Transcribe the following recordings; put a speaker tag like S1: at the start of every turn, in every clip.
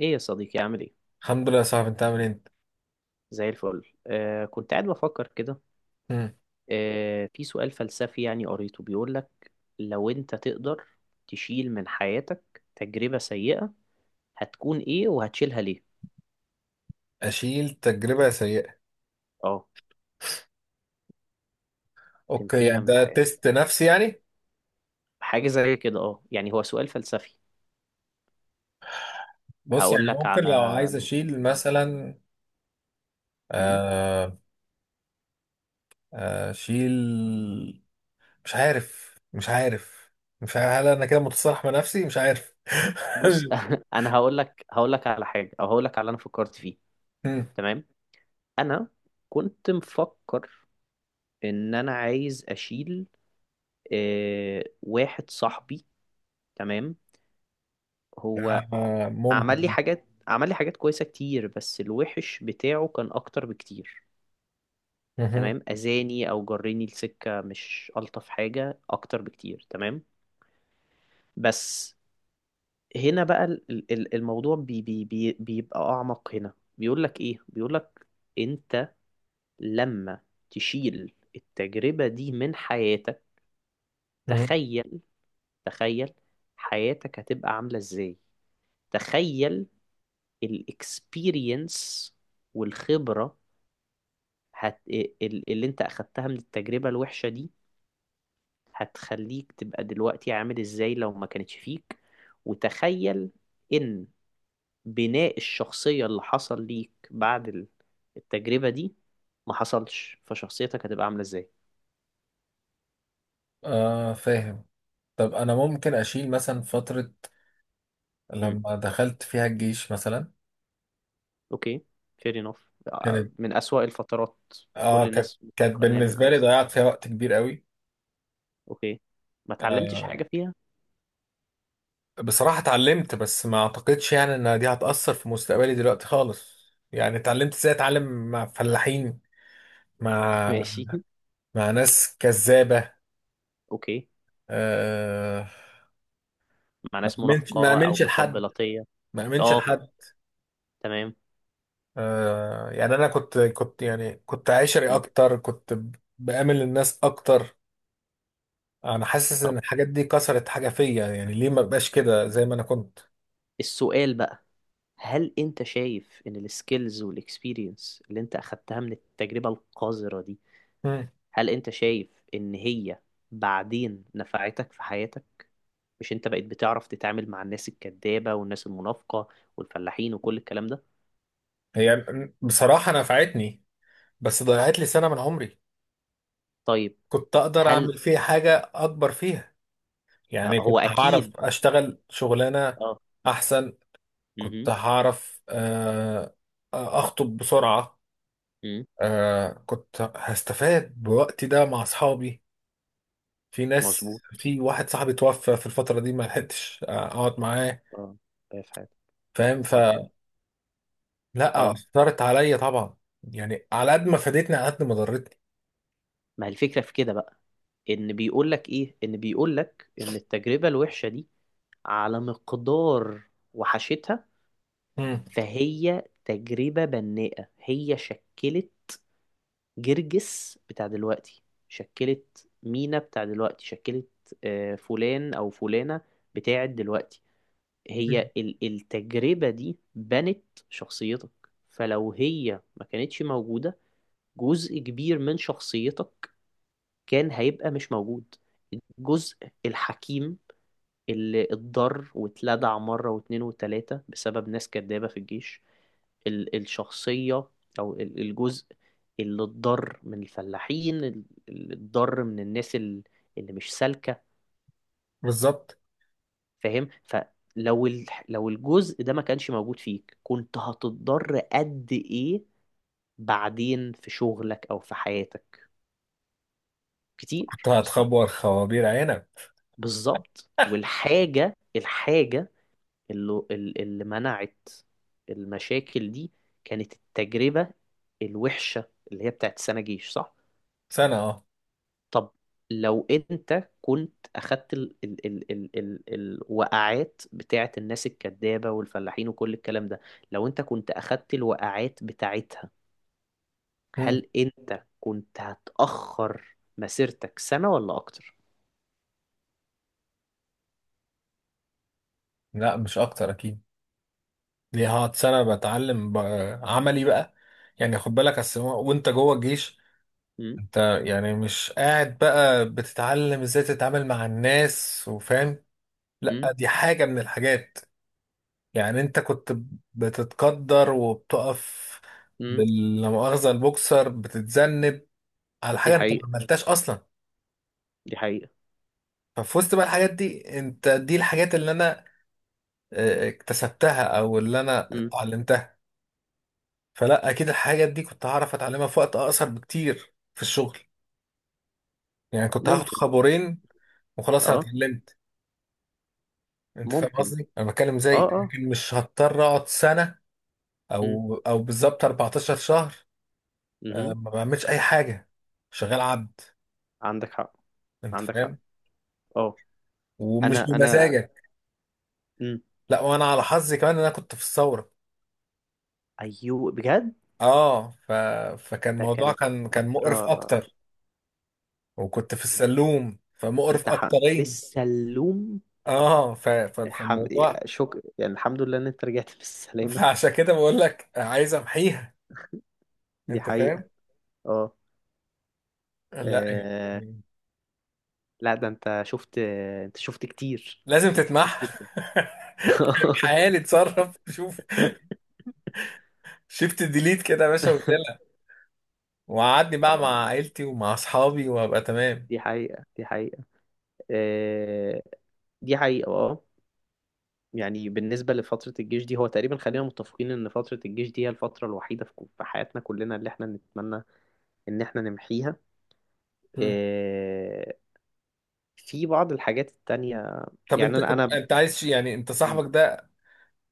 S1: ايه يا صديقي، عامل ايه؟
S2: الحمد لله يا صاحبي، انت عامل ايه انت؟
S1: زي الفل. كنت قاعد بفكر كده.
S2: مم.
S1: في سؤال فلسفي يعني قريته بيقول لك: لو انت تقدر تشيل من حياتك تجربة سيئة، هتكون ايه وهتشيلها ليه؟
S2: اشيل تجربه سيئه؟
S1: اه،
S2: اوكي
S1: تمحيها
S2: يعني
S1: من
S2: ده
S1: حياتك،
S2: تيست نفسي يعني.
S1: حاجة زي كده. اه يعني هو سؤال فلسفي.
S2: بص يعني
S1: هقول لك
S2: ممكن
S1: على،
S2: لو عايز اشيل
S1: اه،
S2: مثلا.
S1: أمم.
S2: آه، آه، اشيل. مش عارف مش عارف مش عارف هل انا كده متصالح مع نفسي مش عارف
S1: بص، انا هقول لك على حاجة، او هقول لك على اللي انا فكرت فيه.
S2: مم.
S1: تمام، انا كنت مفكر ان انا عايز اشيل، واحد صاحبي. تمام، هو
S2: آه،
S1: عمل لي
S2: ممكن.
S1: حاجات، كويسة كتير، بس الوحش بتاعه كان أكتر بكتير.
S2: مهم.
S1: تمام، أذاني أو جرني لسكة مش ألطف حاجة أكتر بكتير. تمام، بس هنا بقى الموضوع بي بي بي بيبقى أعمق. هنا بيقول لك إيه؟ بيقول لك: أنت لما تشيل التجربة دي من حياتك،
S2: مهم.
S1: تخيل، تخيل حياتك هتبقى عاملة إزاي. تخيل الاكسبيرينس والخبرة هت... اللي انت اخدتها من التجربة الوحشة دي هتخليك تبقى دلوقتي عامل ازاي لو ما كانتش فيك. وتخيل ان بناء الشخصية اللي حصل ليك بعد التجربة دي ما حصلش، فشخصيتك هتبقى عاملة ازاي.
S2: آه، فاهم. طب انا ممكن اشيل مثلا فتره
S1: امم،
S2: لما دخلت فيها الجيش مثلا.
S1: اوكي، fair enough.
S2: كانت
S1: من أسوأ الفترات،
S2: اه
S1: كل
S2: كانت
S1: الناس
S2: كانت
S1: متفقة ان هي من
S2: بالنسبه لي
S1: أسوأ.
S2: ضيعت فيها وقت كبير قوي.
S1: اوكي، ما اتعلمتش
S2: آه،
S1: حاجة فيها؟
S2: بصراحة اتعلمت بس ما اعتقدش يعني ان دي هتأثر في مستقبلي دلوقتي خالص. يعني اتعلمت ازاي اتعلم مع فلاحين، مع
S1: ماشي.
S2: مع ناس كذابة.
S1: اوكي،
S2: آه،
S1: مع
S2: ما
S1: ناس
S2: امنش ما
S1: منافقة أو
S2: امنش لحد،
S1: مطبلاتية.
S2: ما امنش
S1: اه،
S2: لحد.
S1: تمام.
S2: آه، يعني انا كنت يعني كنت عشري
S1: مم.
S2: اكتر، كنت بآمن الناس اكتر. انا حاسس ان
S1: طب
S2: الحاجات دي كسرت حاجة فيا، يعني ليه ما بقاش كده زي ما انا كنت.
S1: السؤال بقى: هل أنت شايف إن السكيلز والإكسبيرينس اللي أنت أخدتها من التجربة القذرة دي،
S2: مم.
S1: هل أنت شايف إن هي بعدين نفعتك في حياتك؟ مش أنت بقيت بتعرف تتعامل مع الناس الكذابة والناس المنافقة والفلاحين وكل الكلام ده؟
S2: هي بصراحة نفعتني بس ضيعت لي سنة من عمري.
S1: طيب،
S2: كنت اقدر
S1: هل
S2: اعمل فيها حاجة اكبر فيها، يعني
S1: هو
S2: كنت هعرف
S1: أكيد؟
S2: اشتغل شغلانة
S1: اه.
S2: احسن. كنت
S1: مهم.
S2: هعرف اخطب بسرعة.
S1: مم.
S2: آه، كنت هستفاد بوقتي ده مع اصحابي. في ناس،
S1: مظبوط.
S2: في واحد صاحبي توفى في الفترة دي ما لحقتش اقعد معاه.
S1: اه، في حياتك.
S2: فاهم
S1: الله يرحمه.
S2: فلا.
S1: اه.
S2: اثرت عليا طبعا، يعني على قد ما فادتني على قد ما ضرتني.
S1: ما هي الفكرة في كده بقى، ان بيقول لك ايه؟ ان بيقول لك ان التجربة الوحشة دي، على مقدار وحشتها،
S2: مم.
S1: فهي تجربة بناءة. هي شكلت جرجس بتاع دلوقتي، شكلت مينا بتاع دلوقتي، شكلت، فلان او فلانة بتاعت دلوقتي. هي التجربة دي بنت شخصيتك. فلو هي ما كانتش موجودة، جزء كبير من شخصيتك كان هيبقى مش موجود. الجزء الحكيم اللي اتضر واتلدع مرة واتنين وتلاتة بسبب ناس كدابة في الجيش، الشخصية أو الجزء اللي اتضر من الفلاحين، اللي اتضر من الناس اللي مش سالكة.
S2: بالظبط.
S1: فاهم؟ فلو لو الجزء ده ما كانش موجود فيك، كنت هتتضر قد إيه بعدين في شغلك أو في حياتك؟
S2: كنت
S1: كتير، صح؟
S2: هتخبر خوابير عينك.
S1: بالظبط. والحاجة، اللي منعت المشاكل دي كانت التجربة الوحشة، اللي هي بتاعت سنة جيش، صح؟
S2: سنة اه.
S1: طب لو انت كنت اخدت ال ال ال ال ال الوقعات بتاعت الناس الكدابة والفلاحين وكل الكلام ده، لو انت كنت اخدت الوقعات بتاعتها،
S2: مم.
S1: هل انت كنت هتأخر مسيرتك سنة ولا اكتر؟
S2: لا مش اكتر اكيد. دي هقعد سنة بتعلم بقى عملي بقى. يعني خد بالك، اصل وانت جوه الجيش
S1: امم.
S2: انت، يعني مش قاعد بقى بتتعلم ازاي تتعامل مع الناس وفاهم. لا
S1: امم
S2: دي حاجة من الحاجات. يعني انت كنت بتتقدر وبتقف
S1: امم
S2: لا مؤاخذة البوكسر بتتذنب على
S1: دي
S2: حاجة انت ما
S1: حقيقة،
S2: عملتهاش اصلا.
S1: دي حقيقة.
S2: ففي وسط بقى الحاجات دي، انت دي الحاجات اللي انا اكتسبتها او اللي انا
S1: امم،
S2: اتعلمتها. فلا اكيد الحاجات دي كنت هعرف اتعلمها في وقت اقصر بكتير في الشغل. يعني كنت هاخد
S1: ممكن.
S2: خبرين وخلاص انا
S1: اه،
S2: اتعلمت. انت فاهم
S1: ممكن.
S2: قصدي، انا بتكلم زي
S1: اه.
S2: لكن مش هضطر اقعد سنه، او بالظبط 14 شهر. آه،
S1: امم.
S2: ما بعملش اي حاجه، شغال عبد.
S1: عندك حق،
S2: انت
S1: عندك حق
S2: فاهم؟
S1: اه.
S2: ومش
S1: انا،
S2: بمزاجك.
S1: مم.
S2: لا، وانا على حظي كمان ان انا كنت في الثوره.
S1: ايوه بجد.
S2: اه ف... فكان
S1: ده
S2: الموضوع
S1: كانت
S2: كان مقرف
S1: فترة.
S2: اكتر. وكنت في السلوم فمقرف
S1: انت ح...، في
S2: اكترين.
S1: السلوم. الحم...،
S2: فالموضوع،
S1: شك...، يعني الحمد لله ان انت رجعت بالسلامة.
S2: فعشان كده بقول لك عايز امحيها.
S1: دي
S2: انت
S1: حقيقة،
S2: فاهم؟
S1: اه.
S2: لا
S1: آه،
S2: يعني
S1: لا ده انت شفت، شفت كتير،
S2: لازم
S1: شفت كتير
S2: تتمحى.
S1: جدا.
S2: حالي اتصرف شوف. شيفت ديليت كده يا باشا وشيلها، وقعدني بقى مع
S1: اه،
S2: عيلتي ومع اصحابي وابقى تمام.
S1: دي حقيقة، آه، دي حقيقة، اه. يعني بالنسبة لفترة الجيش دي، هو تقريبا خلينا متفقين إن فترة الجيش دي هي الفترة الوحيدة في في حياتنا كلنا اللي إحنا نتمنى إن إحنا نمحيها.
S2: مم.
S1: إيه، في بعض الحاجات التانية،
S2: طب
S1: يعني
S2: انت
S1: أنا،
S2: كنت انت عايز يعني انت
S1: م.
S2: صاحبك ده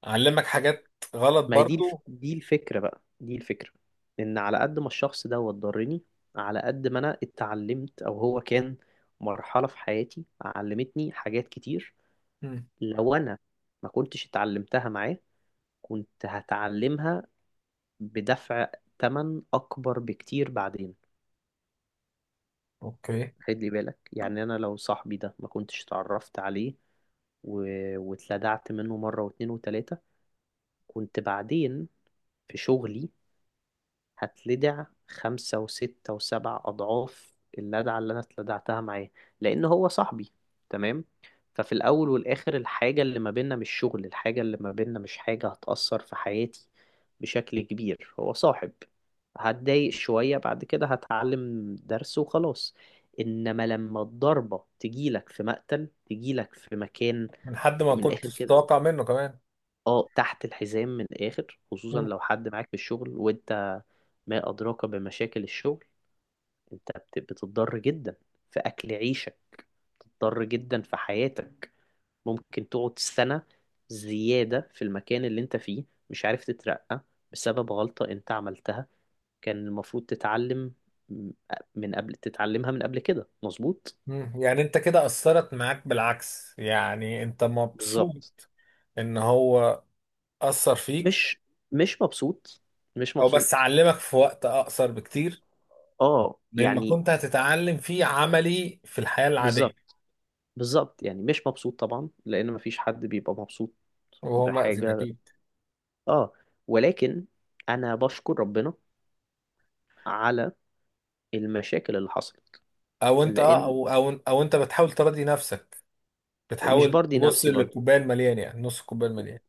S2: علمك حاجات غلط
S1: ما هي دي
S2: برضو؟
S1: دي الفكرة بقى، دي الفكرة إن على قد ما الشخص ده ضرني، على قد ما أنا اتعلمت، أو هو كان مرحلة في حياتي علمتني حاجات كتير.
S2: مم.
S1: لو أنا ما كنتش اتعلمتها معاه، كنت هتعلمها بدفع تمن أكبر بكتير بعدين.
S2: اوكي.
S1: خد لي بالك، يعني أنا لو صاحبي ده ما كنتش اتعرفت عليه و...، واتلدعت منه مرة واتنين وتلاتة، كنت بعدين في شغلي هتلدع خمسة وستة وسبع أضعاف اللدعة اللي أنا اتلدعتها معاه، لأن هو صاحبي. تمام، ففي الأول والآخر الحاجة اللي ما بيننا مش شغل، الحاجة اللي ما بيننا مش حاجة هتأثر في حياتي بشكل كبير، هو صاحب. هتضايق شوية، بعد كده هتعلم درس وخلاص. إنما لما الضربة تجيلك في مقتل، تجيلك في مكان
S2: من حد ما
S1: من الآخر
S2: كنتش
S1: كده،
S2: تتوقع منه كمان.
S1: اه، تحت الحزام من الآخر، خصوصا
S2: مم.
S1: لو حد معاك في الشغل، وانت ما أدراك بمشاكل الشغل. أنت بتضطر جدا في أكل عيشك، بتضطر جدا في حياتك. ممكن تقعد سنة زيادة في المكان اللي أنت فيه مش عارف تترقى بسبب غلطة أنت عملتها، كان المفروض تتعلم، م- من قبل تتعلمها من قبل كده. مظبوط،
S2: مم. يعني انت كده اثرت معاك بالعكس، يعني انت
S1: بالظبط.
S2: مبسوط ان هو اثر فيك؟
S1: مش مش مبسوط، مش
S2: او بس
S1: مبسوط
S2: اعلمك في وقت اقصر بكتير
S1: اه
S2: مما
S1: يعني،
S2: كنت هتتعلم فيه عملي في الحياة العادية.
S1: بالظبط. يعني مش مبسوط طبعا، لأن مفيش حد بيبقى مبسوط
S2: وهو مأذي
S1: بحاجة.
S2: أكيد.
S1: اه، ولكن انا بشكر ربنا على المشاكل اللي حصلت،
S2: او انت اه
S1: لان،
S2: او او او انت بتحاول تراضي نفسك،
S1: مش
S2: بتحاول
S1: برضي
S2: تبص
S1: نفسي برضو،
S2: للكوبايه المليان، يعني نص الكوبايه المليان.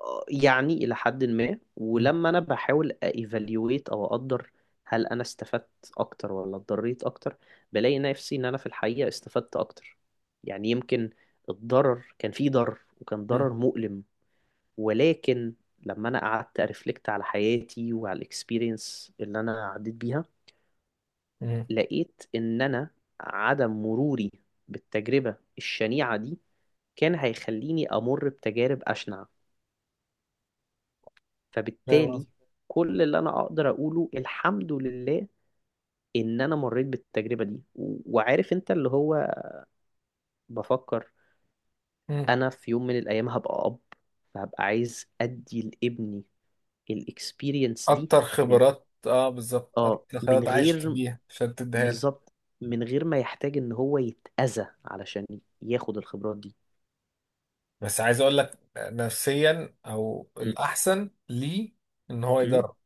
S1: يعني الى حد ما.
S2: مم.
S1: ولما انا بحاول ايفاليويت، او اقدر، هل انا استفدت اكتر ولا اتضريت اكتر، بلاقي نفسي ان انا في الحقيقة استفدت اكتر. يعني يمكن الضرر كان فيه ضرر وكان
S2: مم.
S1: ضرر مؤلم، ولكن لما انا قعدت ارفلكت على حياتي وعلى الاكسبيرينس اللي انا عديت بيها،
S2: مم.
S1: لقيت ان انا عدم مروري بالتجربة الشنيعة دي كان هيخليني امر بتجارب اشنع.
S2: فاهم
S1: فبالتالي
S2: قصدي؟
S1: كل اللي انا اقدر اقوله الحمد لله ان انا مريت بالتجربة دي. و- وعارف انت اللي هو بفكر،
S2: مم.
S1: انا في يوم من الايام هبقى اب، فهبقى عايز ادي لابني الاكسبيرينس دي
S2: اكتر
S1: من،
S2: خبرات اه، بالظبط
S1: اه،
S2: اكتر
S1: من
S2: خبرات عشت
S1: غير،
S2: بيها عشان تديها لك.
S1: بالظبط، من غير ما يحتاج ان هو يتأذى علشان ياخد الخبرات دي.
S2: بس عايز اقول لك نفسيا او
S1: م-
S2: الاحسن ليه ان هو
S1: م.
S2: يجرب.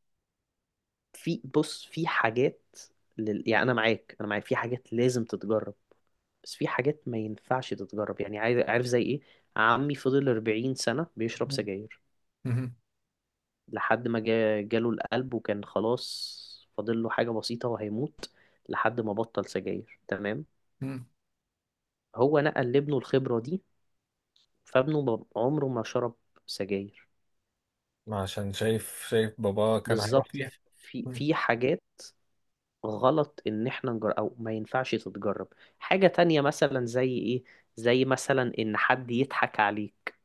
S1: في، بص، في حاجات يعني انا معاك، في حاجات لازم تتجرب، بس في حاجات ما ينفعش تتجرب. يعني عارف زي ايه؟ عمي فضل 40 سنة بيشرب
S2: مم.
S1: سجاير
S2: مم.
S1: لحد ما جاله القلب وكان خلاص فاضل له حاجة بسيطة وهيموت، لحد ما بطل سجاير. تمام،
S2: مم.
S1: هو نقل لابنه الخبرة دي، فابنه عمره ما شرب سجاير.
S2: عشان شايف شايف بابا كان هيروح
S1: بالظبط،
S2: فيها.
S1: في
S2: مم.
S1: في حاجات غلط ان احنا نجرب، او ما ينفعش تتجرب. حاجة تانية مثلا زي ايه؟ زي مثلا ان حد يضحك عليك.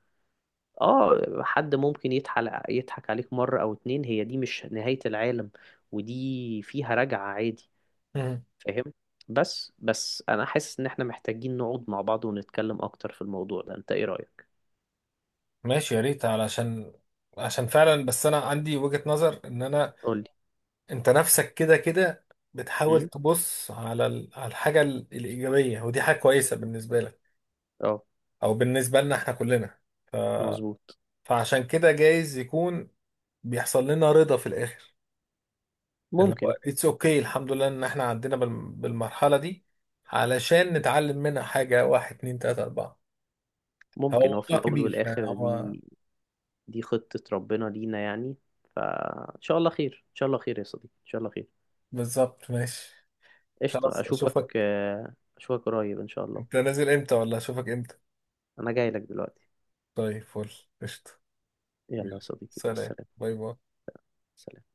S1: اه، حد ممكن يضحك، عليك مرة او اتنين، هي دي مش نهاية العالم ودي فيها رجعة عادي.
S2: مم.
S1: فاهم؟ بس انا حاسس ان احنا محتاجين نقعد مع بعض ونتكلم اكتر في الموضوع ده. انت ايه رأيك؟
S2: ماشي يا ريت، عشان فعلا، بس انا عندي وجهة نظر ان انا
S1: قولي.
S2: انت نفسك كده كده بتحاول
S1: امم،
S2: تبص على على الحاجة الإيجابية، ودي حاجة كويسة بالنسبة لك
S1: اه،
S2: او بالنسبة لنا احنا كلنا. ف...
S1: مظبوط.
S2: فعشان كده جايز يكون بيحصل لنا رضا في الآخر، اللي هو
S1: ممكن،
S2: اتس اوكي okay. الحمد لله ان احنا عدينا بالمرحلة دي علشان نتعلم منها حاجة، واحد، اتنين، تلاتة، أربعة. هو
S1: هو في
S2: موضوع
S1: الاول
S2: كبير، يعني
S1: والاخر
S2: هو.
S1: دي خطة ربنا لينا يعني. فإن شاء الله خير، يا صديقي، إن شاء الله خير.
S2: بالظبط، ماشي.
S1: قشطة،
S2: خلاص
S1: أشوفك،
S2: اشوفك.
S1: أشوفك قريب إن شاء
S2: انت
S1: الله.
S2: نازل امتى ولا اشوفك امتى؟
S1: أنا جاي لك دلوقتي.
S2: طيب، فل قشطة.
S1: يلا يا
S2: يلا.
S1: صديقي، مع
S2: سلام،
S1: السلامة.
S2: باي باي.
S1: سلام.